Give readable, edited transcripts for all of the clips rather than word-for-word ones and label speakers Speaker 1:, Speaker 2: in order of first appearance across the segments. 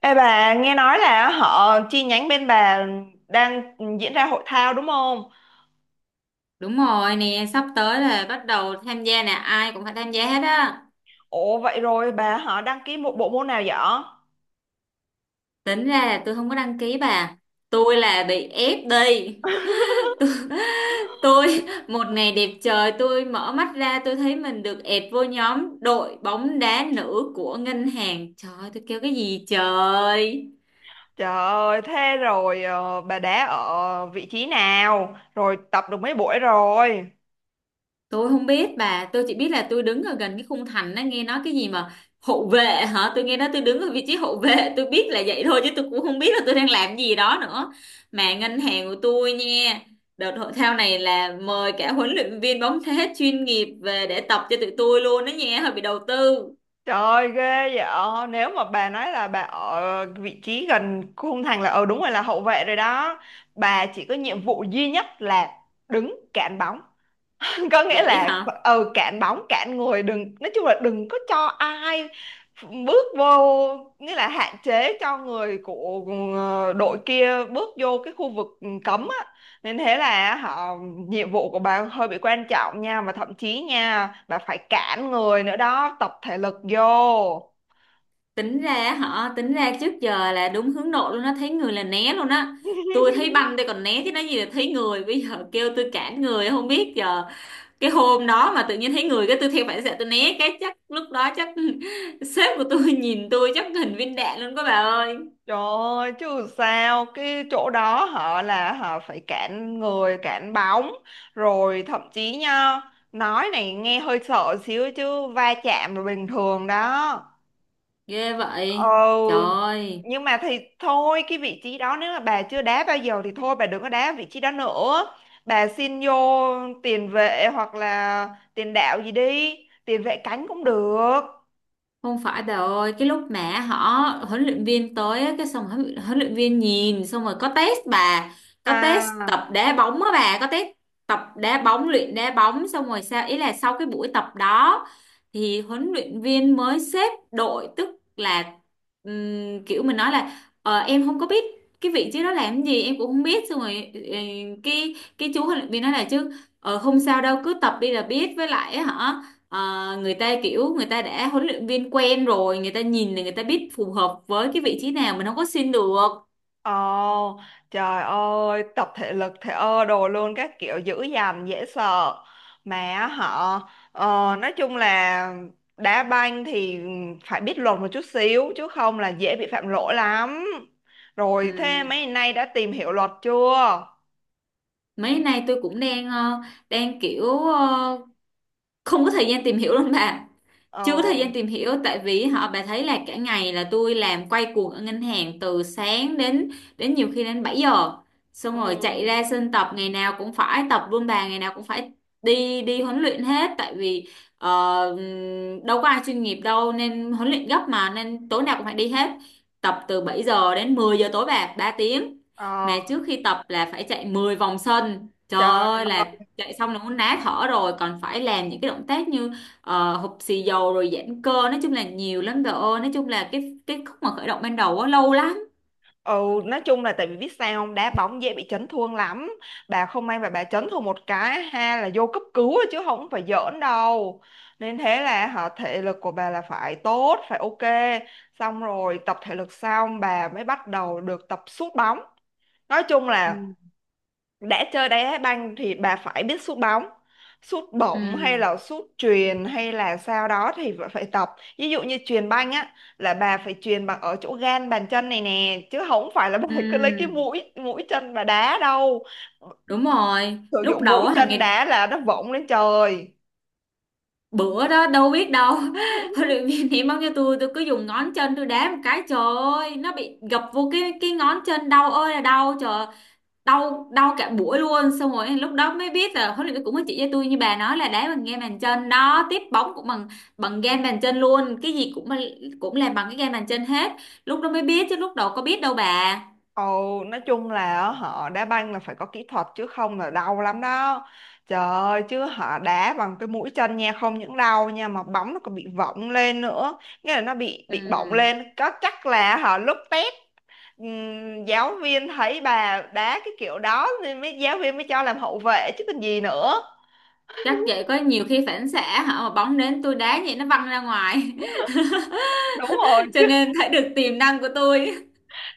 Speaker 1: Ê bà, nghe nói là họ chi nhánh bên bà đang diễn ra hội thao đúng không?
Speaker 2: Đúng rồi nè, sắp tới là bắt đầu tham gia nè, ai cũng phải tham gia hết á.
Speaker 1: Ủa vậy rồi bà họ đăng ký một bộ môn nào vậy?
Speaker 2: Tính ra là tôi không có đăng ký bà. Tôi là bị ép đi. Tôi, tôi một ngày đẹp trời tôi mở mắt ra tôi thấy mình được ẹt vô nhóm đội bóng đá nữ của ngân hàng. Trời ơi, tôi kêu cái gì trời.
Speaker 1: Trời ơi, thế rồi bà đá ở vị trí nào? Rồi tập được mấy buổi rồi?
Speaker 2: Tôi không biết bà, tôi chỉ biết là tôi đứng ở gần cái khung thành đó nghe nói cái gì mà hộ vệ hả? Tôi nghe nói tôi đứng ở vị trí hộ vệ, tôi biết là vậy thôi chứ tôi cũng không biết là tôi đang làm gì đó nữa. Mà ngân hàng của tôi nha, đợt hội thao này là mời cả huấn luyện viên bóng thế chuyên nghiệp về để tập cho tụi tôi luôn đó nha, hơi bị đầu tư.
Speaker 1: Trời ơi, ghê vậy. Nếu mà bà nói là bà ở vị trí gần khung thành là đúng rồi, là hậu vệ rồi đó. Bà chỉ có nhiệm vụ duy nhất là đứng cản bóng, có nghĩa
Speaker 2: Vậy
Speaker 1: là
Speaker 2: hả?
Speaker 1: cản bóng cản người. Đừng, nói chung là đừng có cho ai bước vô, nghĩa là hạn chế cho người của đội kia bước vô cái khu vực cấm á. Nên thế là họ nhiệm vụ của bà hơi bị quan trọng nha, và thậm chí nha, bà phải cản người nữa đó, tập thể lực vô.
Speaker 2: Tính ra trước giờ là đúng hướng nội luôn á, thấy người là né luôn á. Tôi thấy banh tôi còn né chứ nói gì là thấy người, bây giờ kêu tôi cản người không biết giờ cái hôm đó mà tự nhiên thấy người cái tôi theo phản xạ tôi né cái chắc lúc đó chắc sếp của tôi nhìn tôi chắc hình viên đạn luôn các bà ơi.
Speaker 1: Trời ơi, chứ sao cái chỗ đó họ là họ phải cản người, cản bóng, rồi thậm chí nha, nói này nghe hơi sợ xíu chứ va chạm là bình thường đó.
Speaker 2: Ghê vậy
Speaker 1: Ừ,
Speaker 2: trời.
Speaker 1: nhưng mà thì thôi, cái vị trí đó nếu mà bà chưa đá bao giờ thì thôi bà đừng có đá vị trí đó nữa. Bà xin vô tiền vệ hoặc là tiền đạo gì đi, tiền vệ cánh cũng được
Speaker 2: Không phải bà ơi, cái lúc mà huấn luyện viên tới á, cái xong huấn luyện viên nhìn xong rồi có test bà, có test
Speaker 1: à.
Speaker 2: tập đá bóng á bà, có test tập đá bóng, luyện đá bóng xong rồi sao ý là sau cái buổi tập đó thì huấn luyện viên mới xếp đội tức là kiểu mình nói là em không có biết cái vị trí đó làm cái gì em cũng không biết xong rồi cái chú huấn luyện viên nói là chứ không sao đâu cứ tập đi là biết với lại á hả. Ờ, Người ta kiểu người ta đã huấn luyện viên quen rồi người ta nhìn là người ta biết phù hợp với cái vị trí nào mình không có xin được.
Speaker 1: Ồ, trời ơi, tập thể lực thể ơ đồ luôn các kiểu, dữ dằn dễ sợ. Mà họ ờ, nói chung là đá banh thì phải biết luật một chút xíu chứ không là dễ bị phạm lỗi lắm. Rồi thế
Speaker 2: Ừm,
Speaker 1: mấy nay đã tìm hiểu luật chưa?
Speaker 2: Mấy nay tôi cũng đang đang kiểu không có thời gian tìm hiểu luôn bà,
Speaker 1: Ồ.
Speaker 2: chưa có thời gian tìm hiểu tại vì họ bà thấy là cả ngày là tôi làm quay cuồng ở ngân hàng từ sáng đến đến nhiều khi đến 7 giờ xong rồi chạy
Speaker 1: Ừ.
Speaker 2: ra sân tập ngày nào cũng phải tập luôn bà ngày nào cũng phải đi đi huấn luyện hết tại vì ờ, đâu có ai chuyên nghiệp đâu nên huấn luyện gấp mà nên tối nào cũng phải đi hết, tập từ 7 giờ đến 10 giờ tối bà 3 tiếng, mà
Speaker 1: Ờ,
Speaker 2: trước khi tập là phải chạy 10 vòng sân trời
Speaker 1: trời.
Speaker 2: ơi là chạy xong là muốn ná thở rồi còn phải làm những cái động tác như hụp xì dầu rồi giãn cơ nói chung là nhiều lắm trời ơi nói chung là cái khúc mà khởi động ban đầu á lâu lắm.
Speaker 1: Ừ, nói chung là tại vì biết sao không, đá bóng dễ bị chấn thương lắm. Bà không may mà bà chấn thương một cái ha là vô cấp cứu rồi chứ không phải giỡn đâu. Nên thế là họ thể lực của bà là phải tốt, phải ok. Xong rồi tập thể lực xong bà mới bắt đầu được tập sút bóng. Nói chung
Speaker 2: Ừ.
Speaker 1: là đã chơi đá banh thì bà phải biết sút bóng, sút bổng hay
Speaker 2: Ừ,
Speaker 1: là sút chuyền hay là sao đó thì bà phải tập. Ví dụ như chuyền banh á là bà phải chuyền bằng ở chỗ gan bàn chân này nè chứ không phải là bà cứ lấy cái
Speaker 2: ừ,
Speaker 1: mũi mũi chân bà đá đâu.
Speaker 2: đúng rồi
Speaker 1: Sử
Speaker 2: lúc
Speaker 1: dụng
Speaker 2: đầu
Speaker 1: mũi
Speaker 2: á hàng
Speaker 1: chân
Speaker 2: ngày
Speaker 1: đá là nó vọng lên trời.
Speaker 2: bữa đó đâu biết đâu huấn luyện viên ném bóng cho tôi cứ dùng ngón chân tôi đá một cái trời ơi nó bị gập vô cái ngón chân đau ơi là đau trời, đau đau cả buổi luôn xong rồi lúc đó mới biết là huấn luyện viên cũng có chỉ cho tôi như bà nói là đá bằng game bàn chân đó, tiếp bóng cũng bằng bằng game bàn chân luôn cái gì cũng cũng làm bằng cái game bàn chân hết, lúc đó mới biết chứ lúc đầu có biết đâu bà.
Speaker 1: Ồ, nói chung là á, họ đá banh là phải có kỹ thuật chứ không là đau lắm đó. Trời ơi, chứ họ đá bằng cái mũi chân nha, không những đau nha mà bóng nó còn bị vọng lên nữa. Nghĩa là nó bị bọng
Speaker 2: Ừ.
Speaker 1: lên, có chắc là họ lúc test giáo viên thấy bà đá cái kiểu đó nên mới giáo viên mới cho làm hậu vệ chứ còn gì nữa.
Speaker 2: Chắc vậy có nhiều khi phản xạ hả mà bóng đến tôi đá vậy nó văng ra ngoài
Speaker 1: Đúng rồi,
Speaker 2: cho nên thấy được tiềm năng của tôi.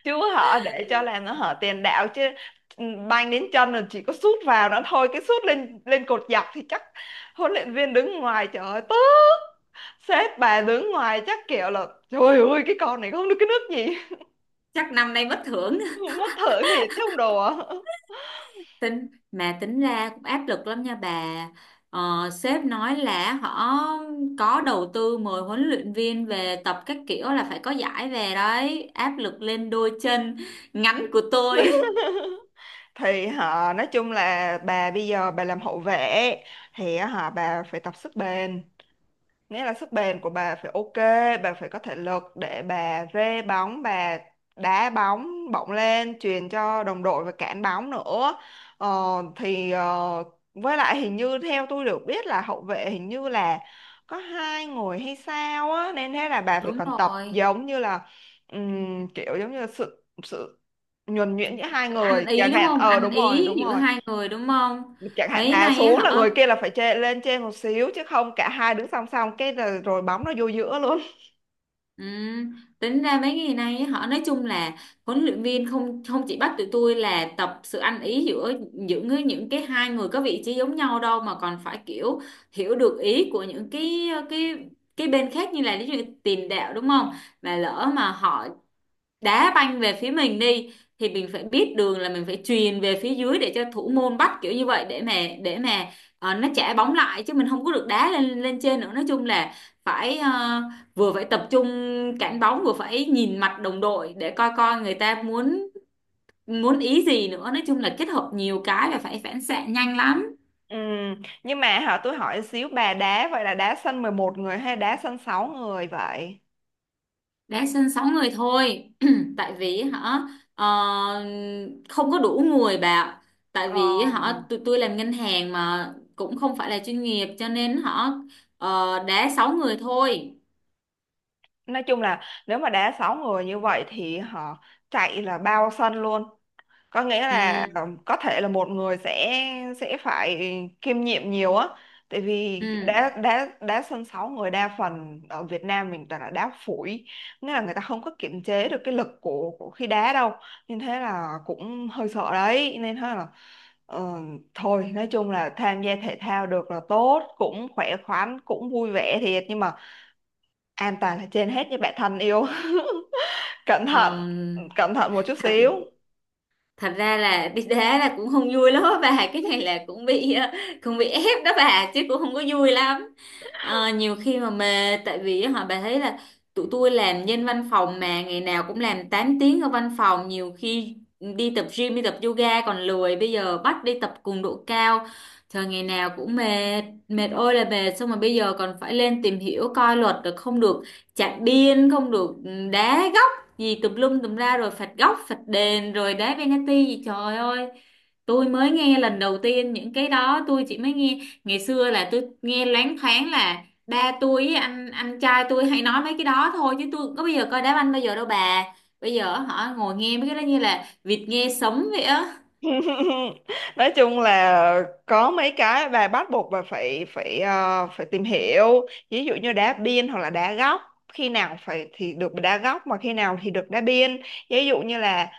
Speaker 1: chứ họ để cho làm nó hở tiền đạo chứ. Ừ, banh đến chân rồi chỉ có sút vào nó thôi, cái sút lên lên cột dọc thì chắc huấn luyện viên đứng ngoài trời ơi tức. Sếp bà đứng ngoài chắc kiểu là trời ơi, cái con này không được cái nước gì.
Speaker 2: Chắc năm nay bất hưởng.
Speaker 1: Mất thưởng thiệt chứ không đùa.
Speaker 2: Tính mà tính ra cũng áp lực lắm nha bà, sếp nói là họ có đầu tư mời huấn luyện viên về tập các kiểu là phải có giải về đấy, áp lực lên đôi chân ngắn của tôi.
Speaker 1: Thì họ nói chung là bà bây giờ bà làm hậu vệ thì họ bà phải tập sức bền, nghĩa là sức bền của bà phải ok. Bà phải có thể lực để bà rê bóng, bà đá bóng bổng lên truyền cho đồng đội và cản bóng nữa, ờ, thì với lại hình như theo tôi được biết là hậu vệ hình như là có hai người hay sao á, nên thế là bà phải
Speaker 2: Đúng
Speaker 1: còn tập
Speaker 2: rồi,
Speaker 1: giống như là kiểu giống như là sự sự nhuần nhuyễn giữa hai
Speaker 2: sự
Speaker 1: người
Speaker 2: ăn ý
Speaker 1: chẳng
Speaker 2: đúng
Speaker 1: hạn,
Speaker 2: không, ăn
Speaker 1: đúng rồi
Speaker 2: ý
Speaker 1: đúng
Speaker 2: giữa
Speaker 1: rồi.
Speaker 2: 2 người đúng không?
Speaker 1: Chẳng hạn
Speaker 2: Mấy
Speaker 1: bà
Speaker 2: nay á,
Speaker 1: xuống là
Speaker 2: họ
Speaker 1: người kia là phải chê, lên trên một xíu chứ không cả hai đứng song song cái là rồi bóng nó vô giữa luôn.
Speaker 2: Ừ, tính ra mấy ngày nay á, họ nói chung là huấn luyện viên không không chỉ bắt tụi tôi là tập sự ăn ý giữa những cái 2 người có vị trí giống nhau đâu mà còn phải kiểu hiểu được ý của những cái bên khác như là ví dụ như tiền đạo đúng không, mà lỡ mà họ đá banh về phía mình đi thì mình phải biết đường là mình phải chuyền về phía dưới để cho thủ môn bắt kiểu như vậy để mà nó trả bóng lại chứ mình không có được đá lên lên trên nữa nói chung là phải vừa phải tập trung cản bóng vừa phải nhìn mặt đồng đội để coi coi người ta muốn muốn ý gì nữa nói chung là kết hợp nhiều cái và phải phản xạ nhanh lắm.
Speaker 1: Ừ. Nhưng mà hả, tôi hỏi xíu, bà đá vậy là đá sân 11 người hay đá sân sáu người vậy?
Speaker 2: Đá sân 6 người thôi tại vì hả ờ, không có đủ người bà ạ, tại
Speaker 1: ờ,
Speaker 2: vì hả tụi tôi làm ngân hàng mà cũng không phải là chuyên nghiệp cho nên hả đá 6 người thôi.
Speaker 1: nói chung là nếu mà đá 6 người như vậy thì họ chạy là bao sân luôn, có nghĩa
Speaker 2: Ừ,
Speaker 1: là có thể là một người sẽ phải kiêm nhiệm nhiều á, tại vì
Speaker 2: ừ,
Speaker 1: đá đá đá sân sáu người đa phần ở Việt Nam mình toàn là đá phủi, nghĩa là người ta không có kiểm chế được cái lực của khi đá đâu nên thế là cũng hơi sợ đấy. Nên thế là ờ, thôi nói chung là tham gia thể thao được là tốt, cũng khỏe khoắn cũng vui vẻ thiệt nhưng mà an toàn là trên hết với bạn thân yêu. Cẩn
Speaker 2: ờ,
Speaker 1: thận, cẩn thận một chút
Speaker 2: thật
Speaker 1: xíu.
Speaker 2: thật ra là đi đá là cũng không vui lắm á bà, cái này là cũng bị cũng bị ép đó bà chứ cũng không có vui lắm. Ờ, nhiều khi mà mệt tại vì họ bà thấy là tụi tôi làm nhân văn phòng mà ngày nào cũng làm 8 tiếng ở văn phòng nhiều khi đi tập gym đi tập yoga còn lười bây giờ bắt đi tập cường độ cao trời, ngày nào cũng mệt mệt ơi là mệt xong rồi bây giờ còn phải lên tìm hiểu coi luật rồi không được chạy điên không được đá góc gì tùm lum tùm la rồi phạt góc phạt đền rồi đá penalty gì trời ơi, tôi mới nghe lần đầu tiên những cái đó tôi chỉ mới nghe, ngày xưa là tôi nghe loáng thoáng là ba tôi với anh trai tôi hay nói mấy cái đó thôi chứ tôi có bây giờ coi đá banh bao giờ đâu bà, bây giờ họ ngồi nghe mấy cái đó như là vịt nghe sấm vậy á.
Speaker 1: Nói chung là có mấy cái bà bắt buộc bà phải phải ờ, phải tìm hiểu, ví dụ như đá biên hoặc là đá góc, khi nào phải thì được đá góc mà khi nào thì được đá biên. Ví dụ như là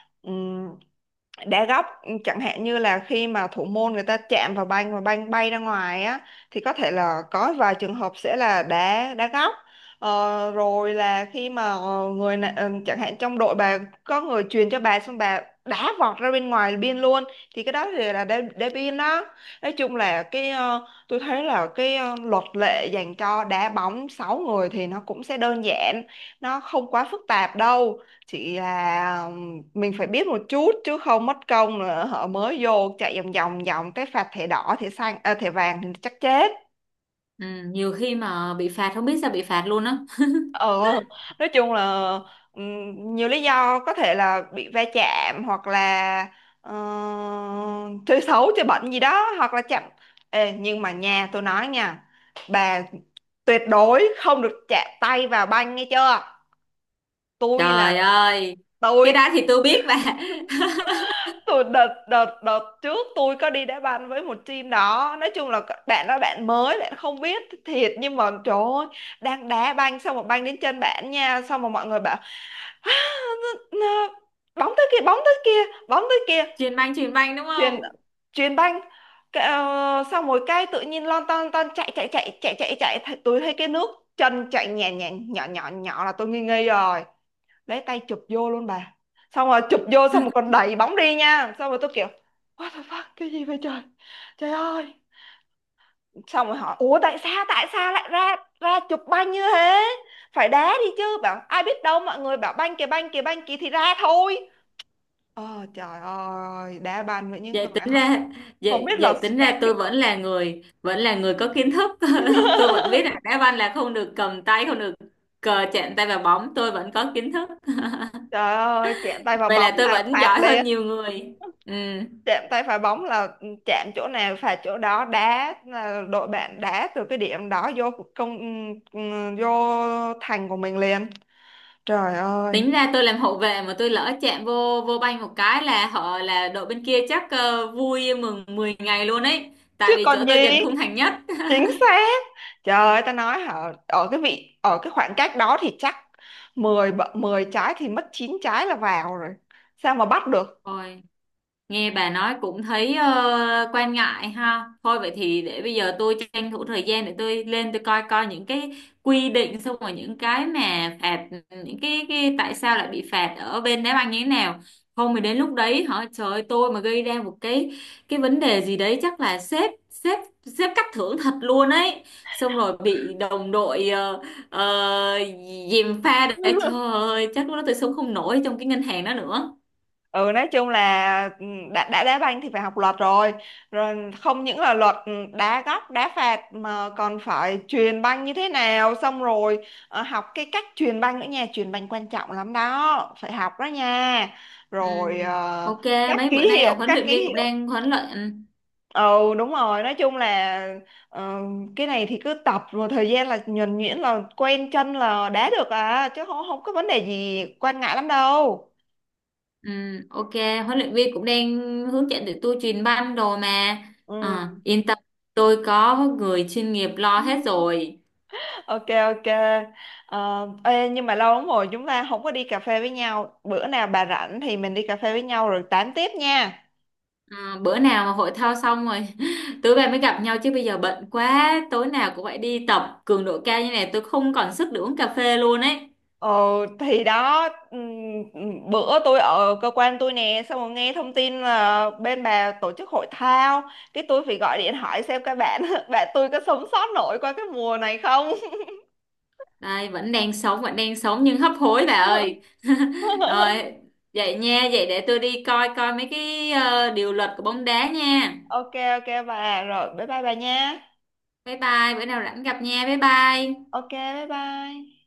Speaker 1: đá góc, chẳng hạn như là khi mà thủ môn người ta chạm vào banh và banh bay ra ngoài á thì có thể là có vài trường hợp sẽ là đá, đá góc. Rồi là khi mà chẳng hạn trong đội bà có người truyền cho bà xong bà đá vọt ra bên ngoài biên luôn thì cái đó thì là đá biên đó. Nói chung là cái tôi thấy là cái luật lệ dành cho đá bóng 6 người thì nó cũng sẽ đơn giản, nó không quá phức tạp đâu. Chị là mình phải biết một chút chứ không mất công nữa họ mới vô chạy vòng vòng vòng cái phạt thẻ đỏ, thẻ xanh à, thẻ vàng thì chắc chết.
Speaker 2: Ừ, nhiều khi mà bị phạt không biết sao bị phạt luôn á.
Speaker 1: ờ nói chung là nhiều lý do, có thể là bị va chạm hoặc là ờ, chơi xấu chơi bẩn gì đó hoặc là chạm. Ê, nhưng mà nhà tôi nói nha, bà tuyệt đối không được chạm tay vào banh nghe chưa. tôi là
Speaker 2: Trời ơi, cái
Speaker 1: tôi
Speaker 2: đó thì tôi biết bà.
Speaker 1: tôi đợt đợt đợt trước tôi có đi đá banh với một team đó, nói chung là bạn đó bạn mới bạn không biết thiệt nhưng mà trời ơi, đang đá banh xong một banh đến chân bạn nha, xong mà mọi người bảo "Á, n- n- bóng tới kia, bóng tới kia, bóng tới kia,
Speaker 2: Chuyền banh chuyền banh đúng
Speaker 1: chuyền
Speaker 2: không?
Speaker 1: chuyền banh," cái, xong rồi cái tự nhiên lon ton ton chạy chạy chạy chạy chạy chạy, tôi thấy cái nước chân chạy nhẹ nhẹ nhỏ nhỏ nhỏ là tôi nghi nghi rồi, lấy tay chụp vô luôn bà. Xong rồi chụp vô xong rồi còn đẩy bóng đi nha, xong rồi tôi kiểu what the fuck cái gì vậy trời. Trời ơi, xong rồi hỏi ủa tại sao lại ra ra chụp banh như thế, phải đá đi chứ, bảo ai biết đâu mọi người bảo banh kìa banh kìa banh kìa thì ra thôi. Trời ơi, đá banh với những
Speaker 2: vậy
Speaker 1: người
Speaker 2: tính ra
Speaker 1: không
Speaker 2: vậy
Speaker 1: biết là
Speaker 2: vậy tính
Speaker 1: stress
Speaker 2: ra
Speaker 1: kinh
Speaker 2: tôi
Speaker 1: khủng.
Speaker 2: vẫn là người có kiến thức. Tôi vẫn biết là đá banh là không được cầm tay, không được cờ chạm tay vào bóng, tôi vẫn có kiến thức.
Speaker 1: Trời ơi, chạm tay vào
Speaker 2: Vậy
Speaker 1: bóng
Speaker 2: là tôi
Speaker 1: là
Speaker 2: vẫn
Speaker 1: phạt
Speaker 2: giỏi hơn
Speaker 1: liền.
Speaker 2: nhiều người. Ừ.
Speaker 1: Chạm tay vào bóng là chạm chỗ nào phạt chỗ đó, đá là đội bạn đá từ cái điểm đó vô công, ừ, vô thành của mình liền. Trời ơi.
Speaker 2: Tính ra tôi làm hậu vệ mà tôi lỡ chạm vô vô banh một cái là họ là đội bên kia chắc vui mừng 10 ngày luôn ấy.
Speaker 1: Chứ
Speaker 2: Tại vì
Speaker 1: còn
Speaker 2: chỗ tôi
Speaker 1: gì.
Speaker 2: gần khung thành nhất.
Speaker 1: Chính xác. Trời ơi ta nói hả, ở cái vị ở cái khoảng cách đó thì chắc 10 10 trái thì mất 9 trái là vào rồi, sao mà bắt được.
Speaker 2: Ôi. Nghe bà nói cũng thấy quan ngại ha. Thôi vậy thì để bây giờ tôi tranh thủ thời gian để tôi lên tôi coi coi những cái quy định xong rồi những cái mà phạt, những cái tại sao lại bị phạt ở bên đá banh như thế nào. Không thì đến lúc đấy hả trời ơi, tôi mà gây ra một cái vấn đề gì đấy chắc là sếp sếp sếp cắt thưởng thật luôn ấy. Xong rồi bị đồng đội ờ, dìm pha để trời ơi chắc lúc đó tôi sống không nổi trong cái ngân hàng đó nữa.
Speaker 1: Ừ nói chung là ừ, đã đá banh thì phải học luật rồi, rồi không những là luật, đá góc đá phạt mà còn phải chuyền banh như thế nào, xong rồi học cái cách chuyền banh nữa nha, chuyền banh quan trọng lắm đó, phải học đó nha.
Speaker 2: Ừ,
Speaker 1: Rồi
Speaker 2: ok,
Speaker 1: các
Speaker 2: mấy bữa
Speaker 1: ký
Speaker 2: nay là
Speaker 1: hiệu,
Speaker 2: huấn
Speaker 1: các
Speaker 2: luyện
Speaker 1: ký
Speaker 2: viên cũng
Speaker 1: hiệu.
Speaker 2: đang huấn luyện, ừ,
Speaker 1: Ừ, đúng rồi, nói chung là ờ, cái này thì cứ tập rồi thời gian là nhuần nhuyễn là quen chân là đá được à chứ không, không có vấn đề gì quan ngại lắm đâu.
Speaker 2: ừ, ok, huấn luyện viên cũng đang hướng dẫn tụi tôi truyền banh đồ mà. Ờ, yên tâm, tôi có người chuyên nghiệp lo
Speaker 1: Ừ.
Speaker 2: hết rồi.
Speaker 1: Ok ok. Ờ, ê, nhưng mà lâu lắm rồi chúng ta không có đi cà phê với nhau. Bữa nào bà rảnh thì mình đi cà phê với nhau rồi tám tiếp nha.
Speaker 2: Ờ, bữa nào mà hội thao xong rồi tụi bay mới gặp nhau chứ bây giờ bận quá tối nào cũng phải đi tập cường độ cao như này tôi không còn sức để uống cà phê luôn ấy.
Speaker 1: Ờ, thì đó bữa tôi ở cơ quan tôi nè xong rồi nghe thông tin là bên bà tổ chức hội thao, cái tôi phải gọi điện hỏi xem các bạn bạn tôi có sống sót nổi qua cái mùa này không.
Speaker 2: Đây, vẫn đang sống nhưng hấp hối bà ơi. Rồi, vậy nha, vậy để tôi đi coi coi mấy cái điều luật của bóng đá nha.
Speaker 1: Ok ok bà, rồi bye bye bà nha.
Speaker 2: Bye bye, bữa nào rảnh gặp nha, bye bye.
Speaker 1: Ok bye bye.